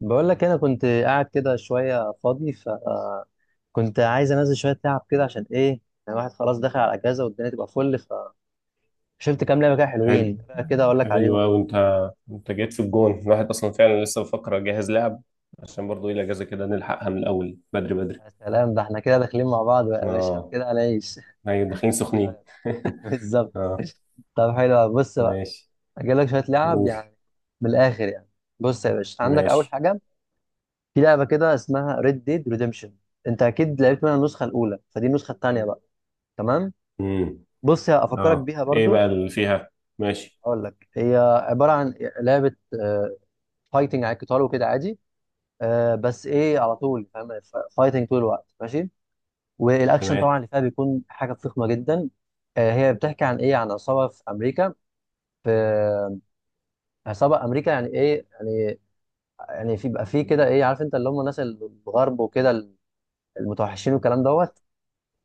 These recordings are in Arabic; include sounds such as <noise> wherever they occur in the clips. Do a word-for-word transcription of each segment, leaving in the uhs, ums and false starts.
بقول لك انا كنت قاعد كده شويه فاضي، فكنت عايز انزل شويه تعب كده عشان ايه يعني. الواحد خلاص داخل على الاجازه والدنيا تبقى فل. فشفت كام لعبه كده حلو. حلوين، بقى كده اقول لك حلو عليهم. أوي أنت أنت جيت في الجون الواحد أصلا، فعلا لسه بفكر أجهز لعب عشان برضه إيه، الأجازة كده نلحقها من الأول، بدري بدري. يا سلام، ده احنا كده داخلين مع بعض بقى يا باشا، احنا أه. كده هنعيش. أيوة داخلين سخنين <laughs> <laughs> بالظبط. أه. طب حلو أوي. بص بقى، ماشي. اجيب لك شويه لعب قول. يعني، من الاخر يعني. بص يا باشا، عندك اول ماشي. حاجه، في لعبه كده اسمها ريد ديد ريديمشن. انت اكيد لعبت منها النسخه الاولى، فدي النسخه الثانيه بقى. تمام. امم بص هفكرك أه، بيها إيه برضو. بقى اللي فيها؟ ماشي، اقول لك، هي عباره عن لعبه فايتنج، على القتال وكده عادي. آه، بس ايه، على طول فاهم، فايتنج طول الوقت، ماشي. والاكشن تمام. طبعا اللي فيها بيكون حاجه فخمه جدا. آه، هي بتحكي عن ايه، عن عصابه في امريكا. في آه، عصابه امريكا، يعني ايه يعني؟ يعني في بيبقى في كده ايه، عارف انت اللي هم الناس الغرب وكده، المتوحشين والكلام دوت.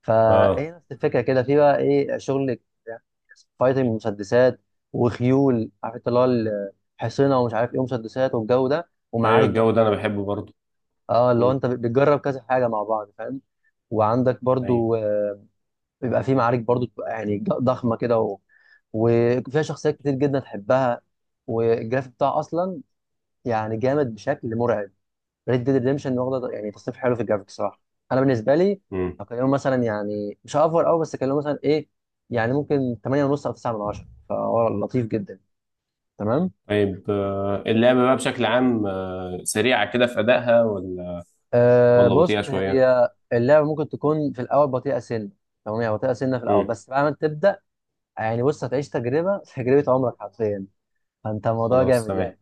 فهي أه، نفس الفكره كده، في بقى ايه، شغل يعني فايتنج، مسدسات وخيول، عارف انت اللي هو ال- حصينه ومش عارف ايه، ومسدسات والجو ده، أيوة ومعارك الجو برضو ده أنا كبيره. بحبه برضه. اه، اللي هو مم. انت بتجرب كذا حاجه مع بعض فاهم. وعندك أيوة. برضو آه، بيبقى في معارك برضو، بتبقى يعني ج- ضخمه كده. و... وفيها شخصيات كتير جدا تحبها، والجرافيك بتاعها اصلا يعني جامد بشكل مرعب. ريد ديد ريدمشن واخده يعني تصنيف حلو في الجرافيك صراحه. انا بالنسبه لي مم. اكلمه مثلا يعني، مش اوفر قوي، بس اكلمه مثلا ايه، يعني ممكن ثمانية ونص او تسعة من عشرة، فهو لطيف جدا. تمام. طيب، آه، اللعبة بقى بشكل عام آه، سريعة كده في أدائها ولا آه ولا بص، بطيئة شوية؟ هي اللعبه ممكن تكون في الاول بطيئه سنه. تمام، يعني بطيئه سنه في الاول، مم. بس بعد ما تبدا يعني، بص هتعيش تجربه، <laughs> تجربه عمرك حرفيا. فانت الموضوع خلاص جامد تمام. يعني.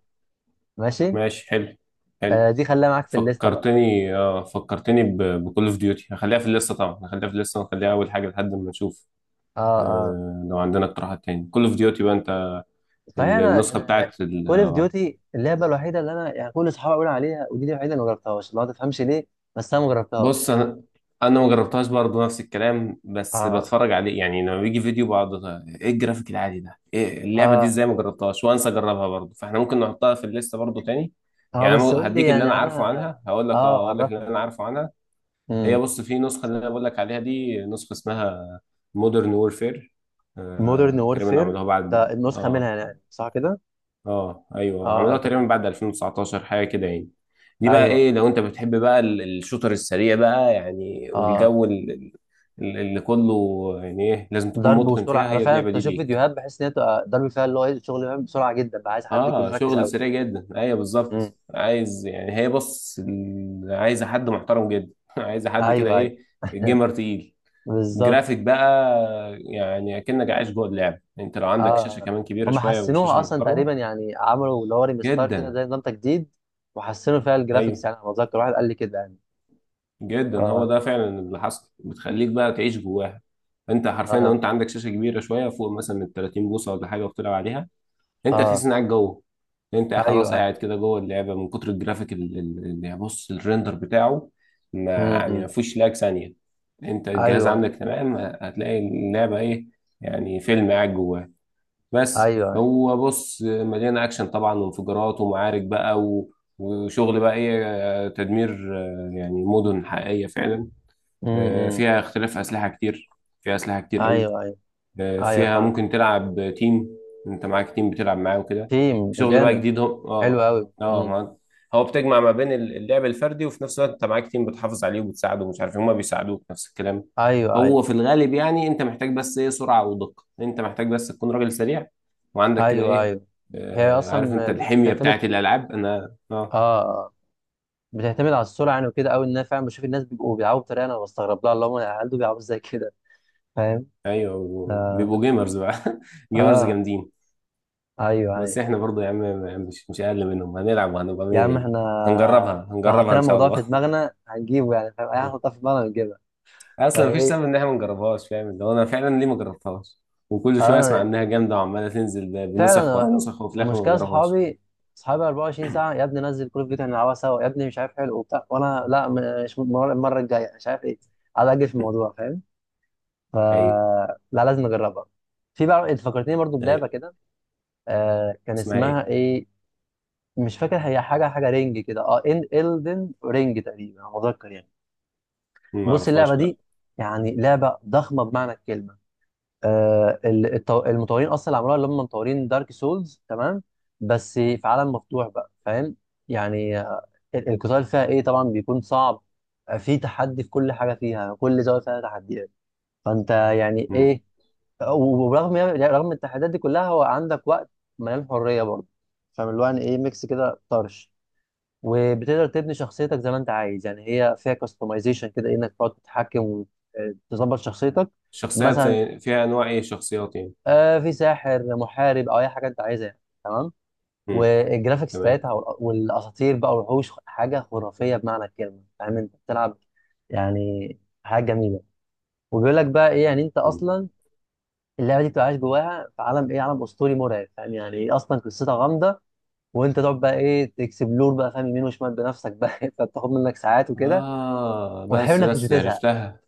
ماشي. ماشي. حلو. حلو. آه دي خليها معاك في الليسته بقى. فكرتني، اه فكرتني بكول اوف ديوتي. هخليها في الليسته طبعا، هخليها في الليسته ونخليها اول حاجه لحد ما نشوف. اه، اه، آه، لو عندنا اقتراحات تاني كول اوف ديوتي بقى انت صحيح. ال- انا النسخه انا بتاعت ال... كول اوف ديوتي اللعبه الوحيده اللي انا يعني كل اصحابي بيقولوا عليها، ودي دي الوحيده اللي ما جربتهاش، ما تفهمش ليه. بس انا ما جربتهاش بص، يعني. انا انا ما جربتهاش برضه نفس الكلام، بس اه، بتفرج عليه يعني، لما بيجي فيديو بقعد، ايه الجرافيك العالي ده؟ ايه اللعبه دي؟ اه، ازاي ما جربتهاش وانسى اجربها برضه؟ فاحنا ممكن نحطها في الليسته برضه تاني. اه، يعني بس قول أنا لي هديك اللي يعني انا على، عارفه عنها. هقول لك، اه اه هقول لك اللي انا عرفني. عارفه عنها. هي امم بص، في نسخة اللي انا بقول لك عليها دي، نسخة اسمها مودرن وورفير. مودرن آه، تقريبا وورفير، عملوها ده بعد النسخه اه منها يعني صح كده؟ اه، ايوه، اه، آه، عملوها تقريبا تمام. بعد ألفين وتسعة عشر حاجة كده يعني. دي بقى ايوه، ايوه، ايه، لو انت بتحب بقى ال- الشوتر السريع بقى يعني، اه والجو ال- ال- اللي كله يعني ايه، لازم تكون ضرب متقن فيها. وسرعه. انا هي فعلا اللعبة كنت دي اشوف ليك. فيديوهات بحس ان هي بتبقى ضرب فيها، اللي هو إيه، الشغل بيعمل بسرعه جدا، بقى عايز حد يكون اه، مركز شغل قوي. سريع جدا، ايوه امم بالظبط. عايز يعني، هي بص، ال- عايزة حد محترم جدا <laughs> عايزة حد كده ايوه، ايوه، ايه، <laughs> جيمر تقيل. بالظبط. الجرافيك بقى يعني اكنك عايش جوه اللعب. انت لو عندك شاشه اه كمان كبيره هم شويه حسنوها وشاشه اصلا محترمه تقريبا، يعني عملوا اللي هو ريمستار كده، جدا، زي نظام تجديد وحسنوا فيها الجرافيكس. ايوه يعني انا اتذكر واحد قال لي كده يعني. ف جدا، هو ده فعلا اللي حصل، بتخليك بقى تعيش جواها. انت حرفيا لو اه، انت عندك شاشه كبيره شويه، فوق مثلا من تلاتين بوصه ولا حاجه، وبتلعب عليها، انت اه، تحس انك قاعد جوه. انت خلاص ايوه ايوه. قاعد كده جوه اللعبه من كتر الجرافيك ال- ال- اللي، بص، الريندر بتاعه ما امم يعني ما إمم، فيهوش لاج ثانيه. انت ايوه الجهاز ايوه. عندك تمام، هتلاقي اللعبه ايه، يعني فيلم قاعد جواها. ايوه، بس أيوه، هو بص مليان اكشن طبعا، وانفجارات ومعارك بقى و... وشغل بقى ايه، آه، تدمير، آه، يعني مدن حقيقية فعلا. امم آه، إمم، فيها اختلاف اسلحة كتير، فيها اسلحة كتير قوي. ايوه ايوه. آه، ايوه فيها فاهم. ممكن تلعب تيم، انت معاك تيم بتلعب معاه وكده. تيم شغل بقى جامد. جديد هو، حلو اه قوي. اه امم. ما- هو بتجمع ما بين اللعب الفردي، وفي نفس الوقت انت معاك تيم بتحافظ عليه وبتساعده، ومش عارف إيه، هما بيساعدوك نفس الكلام. ايوه هو ايوه. في الغالب يعني انت محتاج بس ايه، سرعة ودقة. انت محتاج بس تكون راجل سريع وعندك كده ايوه ايه، ايوه. هي آه، عارف انت اصلا الحمية بتعتمد، بتاعت الالعاب. انا اه، اه، آه. بتعتمد على السرعه يعني وكده قوي. ان انا فعلا بشوف الناس بيبقوا بيلعبوا بطريقه انا بستغرب لها، اللي هم هل دول بيلعبوا ازاي كده؟ فاهم. ايوه اه، بيبقوا جيمرز بقى <laughs> جيمرز آه. جامدين. ايوه بس ايوه. احنا برضو يا عم مش مش اقل منهم، هنلعب وهنبقى يا مية عم مية. احنا هنجربها، لو هنجربها حطينا ان شاء الموضوع في الله دماغنا هنجيبه يعني، فاهم، اي حاجه <laughs> نحطها في دماغنا هنجيبها. اصلا مفيش فايه؟ سبب ان احنا ما نجربهاش، فاهم؟ اللي هو انا فعلا ليه ما جربتهاش؟ وكل شويه اسمع انا انها جامده وعماله تنزل ب- بنسخ ورا فعلا نسخ، وفي الاخر ما المشكله، بجربهاش. اصحابي اصحابي أربعة وعشرين ساعة ساعه: يا ابني نزل كل فيديو، هنلعبها سوا، يا ابني مش عارف حلو وبتاع، وانا لا، مش المره، المرة الجايه، مش عارف ايه، قاعد اجل في الموضوع فاهم. ف ايوه. لا لازم اجربها. في بقى انت فكرتني برضو بلعبه ايوه كده، آه كان اسمها ايه؟ اسمها ايه؟ مش فاكر، هي حاجه، حاجه رينج كده. اه، ان الدن رينج تقريبا، انا متذكر يعني. مم، ما بص اللعبه اعرفهاش لا. دي يعني لعبه ضخمه بمعنى الكلمه. آه ال- التو- المطورين اصلا اللي عملوها اللي هم مطورين دارك سولز، تمام، بس في عالم مفتوح بقى فاهم. يعني آه، ال- القتال فيها ايه طبعا بيكون صعب. آه، في تحدي في كل حاجه فيها، كل زاويه فيها تحديات، فانت يعني مم. ايه. وبرغم، رغم التحديات دي كلها، هو عندك وقت مليان حريه برضه، فاهم، اللي هو يعني ايه ميكس كده طرش. وبتقدر تبني شخصيتك زي ما انت عايز، يعني هي فيها كاستمايزيشن كده، انك تقعد تتحكم وتظبط شخصيتك. شخصيات مثلا زي فيها انواع ايه شخصيات يعني؟ آه في ساحر، محارب، او اي حاجه انت عايزها يعني. تمام. مم. والجرافيكس تمام. بتاعتها وال- والاساطير بقى والوحوش، حاجه خرافيه بمعنى الكلمه، فاهم انت بتلعب يعني حاجه جميله. وبيقول لك بقى ايه يعني، انت مم. اصلا اللعبه دي بتبقى عايش جواها، في عالم ايه، عالم اسطوري مرعب، فاهم يعني ايه، اصلا قصتها غامضه، وانت تقعد بقى ايه تكسبلور بقى فاهم، يمين وشمال بنفسك بقى. <laughs> فبتاخد منك ساعات وكده، اه وحلو بس انك مش بس بتزهق عرفتها.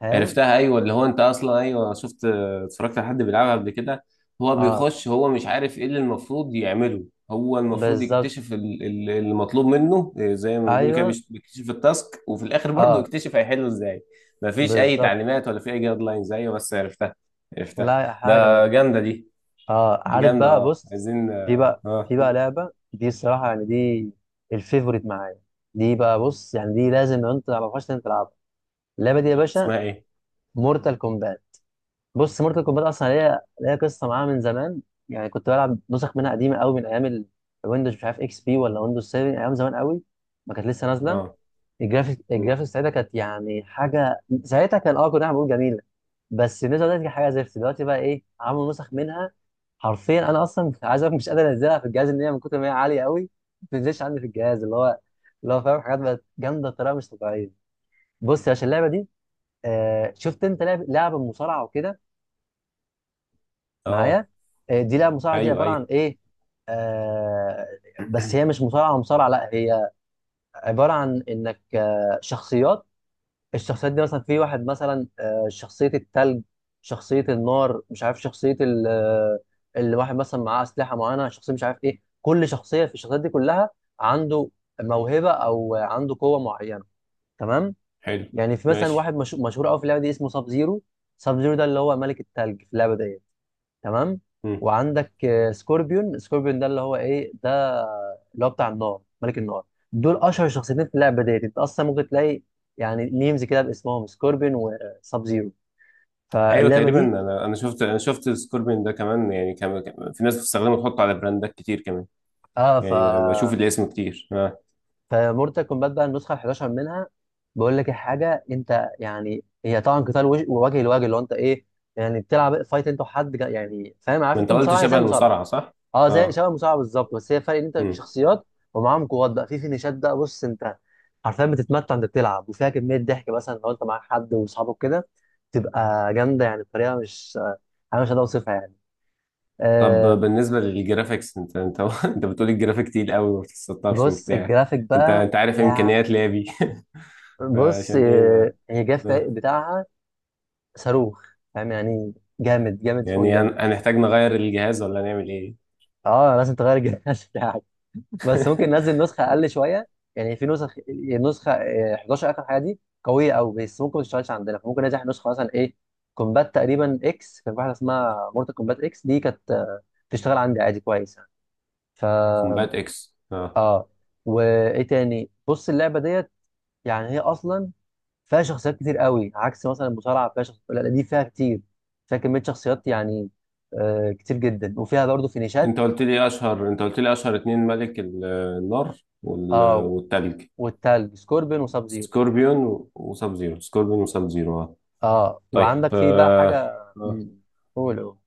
فاهم. عرفتها، ايوه اللي هو انت اصلا، ايوه شفت، اتفرجت على حد بيلعبها قبل كده. هو اه بيخش، هو مش عارف ايه اللي المفروض يعمله. هو المفروض بالظبط. يكتشف ال- ال- اللي مطلوب منه إيه، زي ما بنقول كده، ايوه. بيش- بيكتشف التاسك، وفي الاخر برضه اه يكتشف هيحله ازاي. مفيش اي بالظبط. تعليمات ولا في اي جايد لاينز. ايوه بس عرفتها. عرفتها. لا حاجه ده مدهش. جامده دي، اه عارف جامده. بقى، اه بص، عايزين في اه، بقى آه، في بقى لعبه دي الصراحه يعني، دي الفيفوريت معايا. دي بقى بص يعني، دي لازم لو انت ما تعرفهاش لازم تلعبها، اللعبه دي يا باشا: اسمها ايه؟ مورتال كومبات. بص مورتال كومبات اصلا ليها ليها قصه معاها من زمان. يعني كنت بلعب نسخ منها قديمه قوي، من ايام الويندوز، مش عارف اكس بي ولا ويندوز سبعة، ايام زمان قوي ما كانت لسه نازله. اه. الجرافيك، مم. الجرافيكس ساعتها كانت يعني حاجه، ساعتها كان اه، كنا إحنا بنقول جميله. بس النسخه دلوقتي كانت حاجه زفت، دلوقتي بقى ايه عملوا نسخ منها حرفيا انا اصلا <laughs> عايز أقولك مش قادر انزلها في الجهاز، ان هي من كتر ما هي عاليه قوي ما بتنزلش عندي في الجهاز، اللي هو، اللي هو فاهم حاجات بقت جامده بطريقه مش طبيعيه. بص يا باشا، اللعبه دي، آه شفت انت لعب لعبه مصارعه وكده اه. معايا؟ آه دي لعبه مصارعه، دي ايوه، عباره عن ايوه. ايه، آه بس هي <clears throat> مش مصارعه مصارعه، لا، هي عباره عن انك آه شخصيات. الشخصيات دي مثلا، في واحد مثلا آه، شخصية التلج، شخصية النار، مش عارف شخصية ال- آه، اللي واحد مثلا معاه أسلحة معينة، شخصية مش عارف إيه كل شخصية في الشخصيات دي كلها عنده موهبة أو عنده قوة معينة. تمام. حلو. يعني في مثلا ماشي. واحد مشهور مشهور قوي في اللعبة دي، اسمه ساب زيرو. ساب زيرو ده اللي هو ملك التلج في اللعبة دي. تمام. وعندك آه، سكوربيون. سكوربيون ده اللي هو ايه ده، اللي هو بتاع النار، ملك النار. دول اشهر شخصيتين في اللعبه ديت، انت اصلا ممكن تلاقي يعني ميمز كده باسمهم، سكوربيون وساب زيرو. ايوه فاللعبه تقريبا، دي، انا انا شفت، انا شفت سكوربين ده كمان، يعني كان كان- في ناس بتستخدمه، تحطه على براندات كتير كمان. اه، ف، يعني بشوف الاسم كتير اه. فمورتال كومبات بقى النسخه ال حداشر منها، بقول لك الحاجه، انت يعني هي طبعا قتال وجه، وجه لوجه، اللي هو انت ايه يعني بتلعب فايت انت وحد جا- يعني فاهم، عارف ما انت انت قلت المصارعه هي زي شبه المصارعه. المصارعه صح؟ اه زي، اه. شبه المصارعه بالظبط، بس هي فرق ان انت امم. شخصيات ومعاهم قوات بقى، في فينيشات بقى. بص انت حرفيا بتتمتع، انت بتلعب وفيها كميه ضحك مثلا لو انت معاك حد واصحابك كده، تبقى جامده يعني بطريقه مش، انا مش هقدر اوصفها يعني. طب آه بالنسبه للجرافيكس، انت انت <laughs> انت بتقول الجرافيك تقيل قوي، ما بتستطرش بص وبتاع، الجرافيك انت بقى انت عارف يعني، امكانيات لابي <laughs> بص فعشان ايه آه، ما هي جرافيك آه. بتاعها صاروخ، فاهم يعني جامد جامد فوق يعني هن- الجامد. هنحتاج نغير الجهاز ولا نعمل ايه؟ اه لازم تغير الجهاز <laughs> بتاعك، بس ممكن ننزل <laughs> نسخه اقل شويه. يعني في نسخ، النسخه آه، حداشر اخر حاجه دي قويه قوي، بس ممكن ما تشتغلش عندنا، فممكن ننزل نسخه مثلا ايه كومبات، تقريبا اكس، كان في واحده اسمها مورتال كومبات اكس، دي كانت آه، تشتغل عندي عادي كويس يعني. ف كومبات اكس اه. اه. وايه تاني، بص اللعبه ديت يعني هي اصلا فيها شخصيات كتير قوي، عكس مثلا المصارعه فيها شخصيات، لا لا، دي فيها كتير، فيها كميه شخصيات يعني آه كتير جدا. وفيها برضه فينيشات. انت قلت لي اشهر، انت قلت لي اشهر اتنين، ملك ال- النار وال- اه، والتلج. والتلج سكوربين وساب زيرو. سكوربيون و- وساب زيرو. سكوربيون وساب زيرو اه. اه طيب وعندك في بقى حاجه. آه، آه. مم. قول. أوه.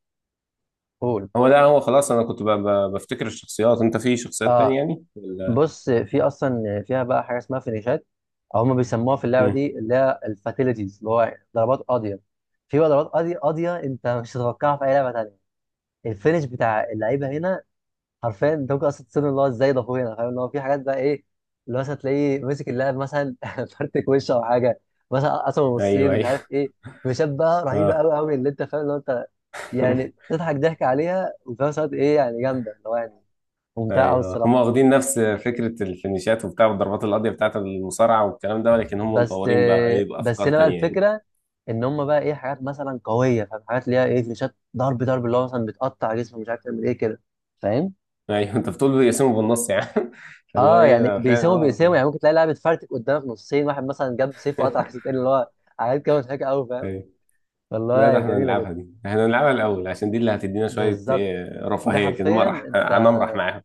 قول، هو ده. هو خلاص انا كنت ب- ب- بفتكر الشخصيات. انت في شخصيات تانية اه يعني ولا؟ بص في اصلا فيها بقى حاجه اسمها فينيشات، او هم بيسموها في اللعبه مم. دي اللي هي الفاتيليتيز، اللي هو ضربات قاضيه. في بقى ضربات قاضيه، قاضيه انت مش هتتوقعها في اي لعبه تانيه. الفينش بتاع اللعيبه هنا حرفيا انت ممكن اصلا تصير، اللي هو ازاي ده اخويا، فاهم اللي هو في حاجات بقى ايه، اللي هو مثلا تلاقيه مسك اللاعب، مثلا <laughs> فرتك وشه او حاجه، مثلا قسم ايوه نصين، مش عارف ايوه ايه، مشابهه رهيبه اه قوي قوي، اللي انت فاهم اللي هو انت، يعني <laughs> تضحك ضحك عليها، وفي نفس الوقت ايه يعني جامده، اللي هو يعني ممتعه قوي ايوه، هم الصراحه. واخدين نفس فكرة الفينيشات وبتاع والضربات القاضية بتاعت المصارعة والكلام ده، ولكن هم بس مطورين بقى ايه بس بافكار هنا بقى تانية يعني. الفكره، ان هم بقى ايه، حاجات مثلا قويه، فاهم حاجات ليها ايه فليشات، ضرب ضرب اللي هو مثلا بتقطع جسمه مش عارف تعمل ايه كده، فاهم. ايوه <laughs> انت بتقول بيقسموا بالنص يعني <laughs> فاللي هو اه ايه يعني ده فعلا بيساوموا بيساوموا اه يعني، ممكن تلاقي لاعب اتفرتك قدامك نصين، واحد مثلا جاب سيف وقطع السيف <laughs> التاني، اللي هو حاجات كده مضحكه قوي فاهم. ايوه لا، ده والله احنا جميله هنلعبها جدا. دي، احنا هنلعبها الاول عشان دي اللي هتدينا شويه بالظبط. ايه، دي رفاهيه كده، حرفيا مرح، انت، هنمرح معاهم.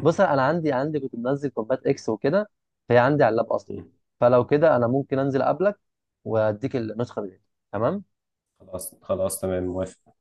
بص انا عندي عندي كنت منزل كومبات اكس وكده، فهي عندي على اللاب اصلا، مم. فلو كده انا ممكن انزل اقابلك واديك النسخه دي. تمام. خلاص خلاص تمام موافق.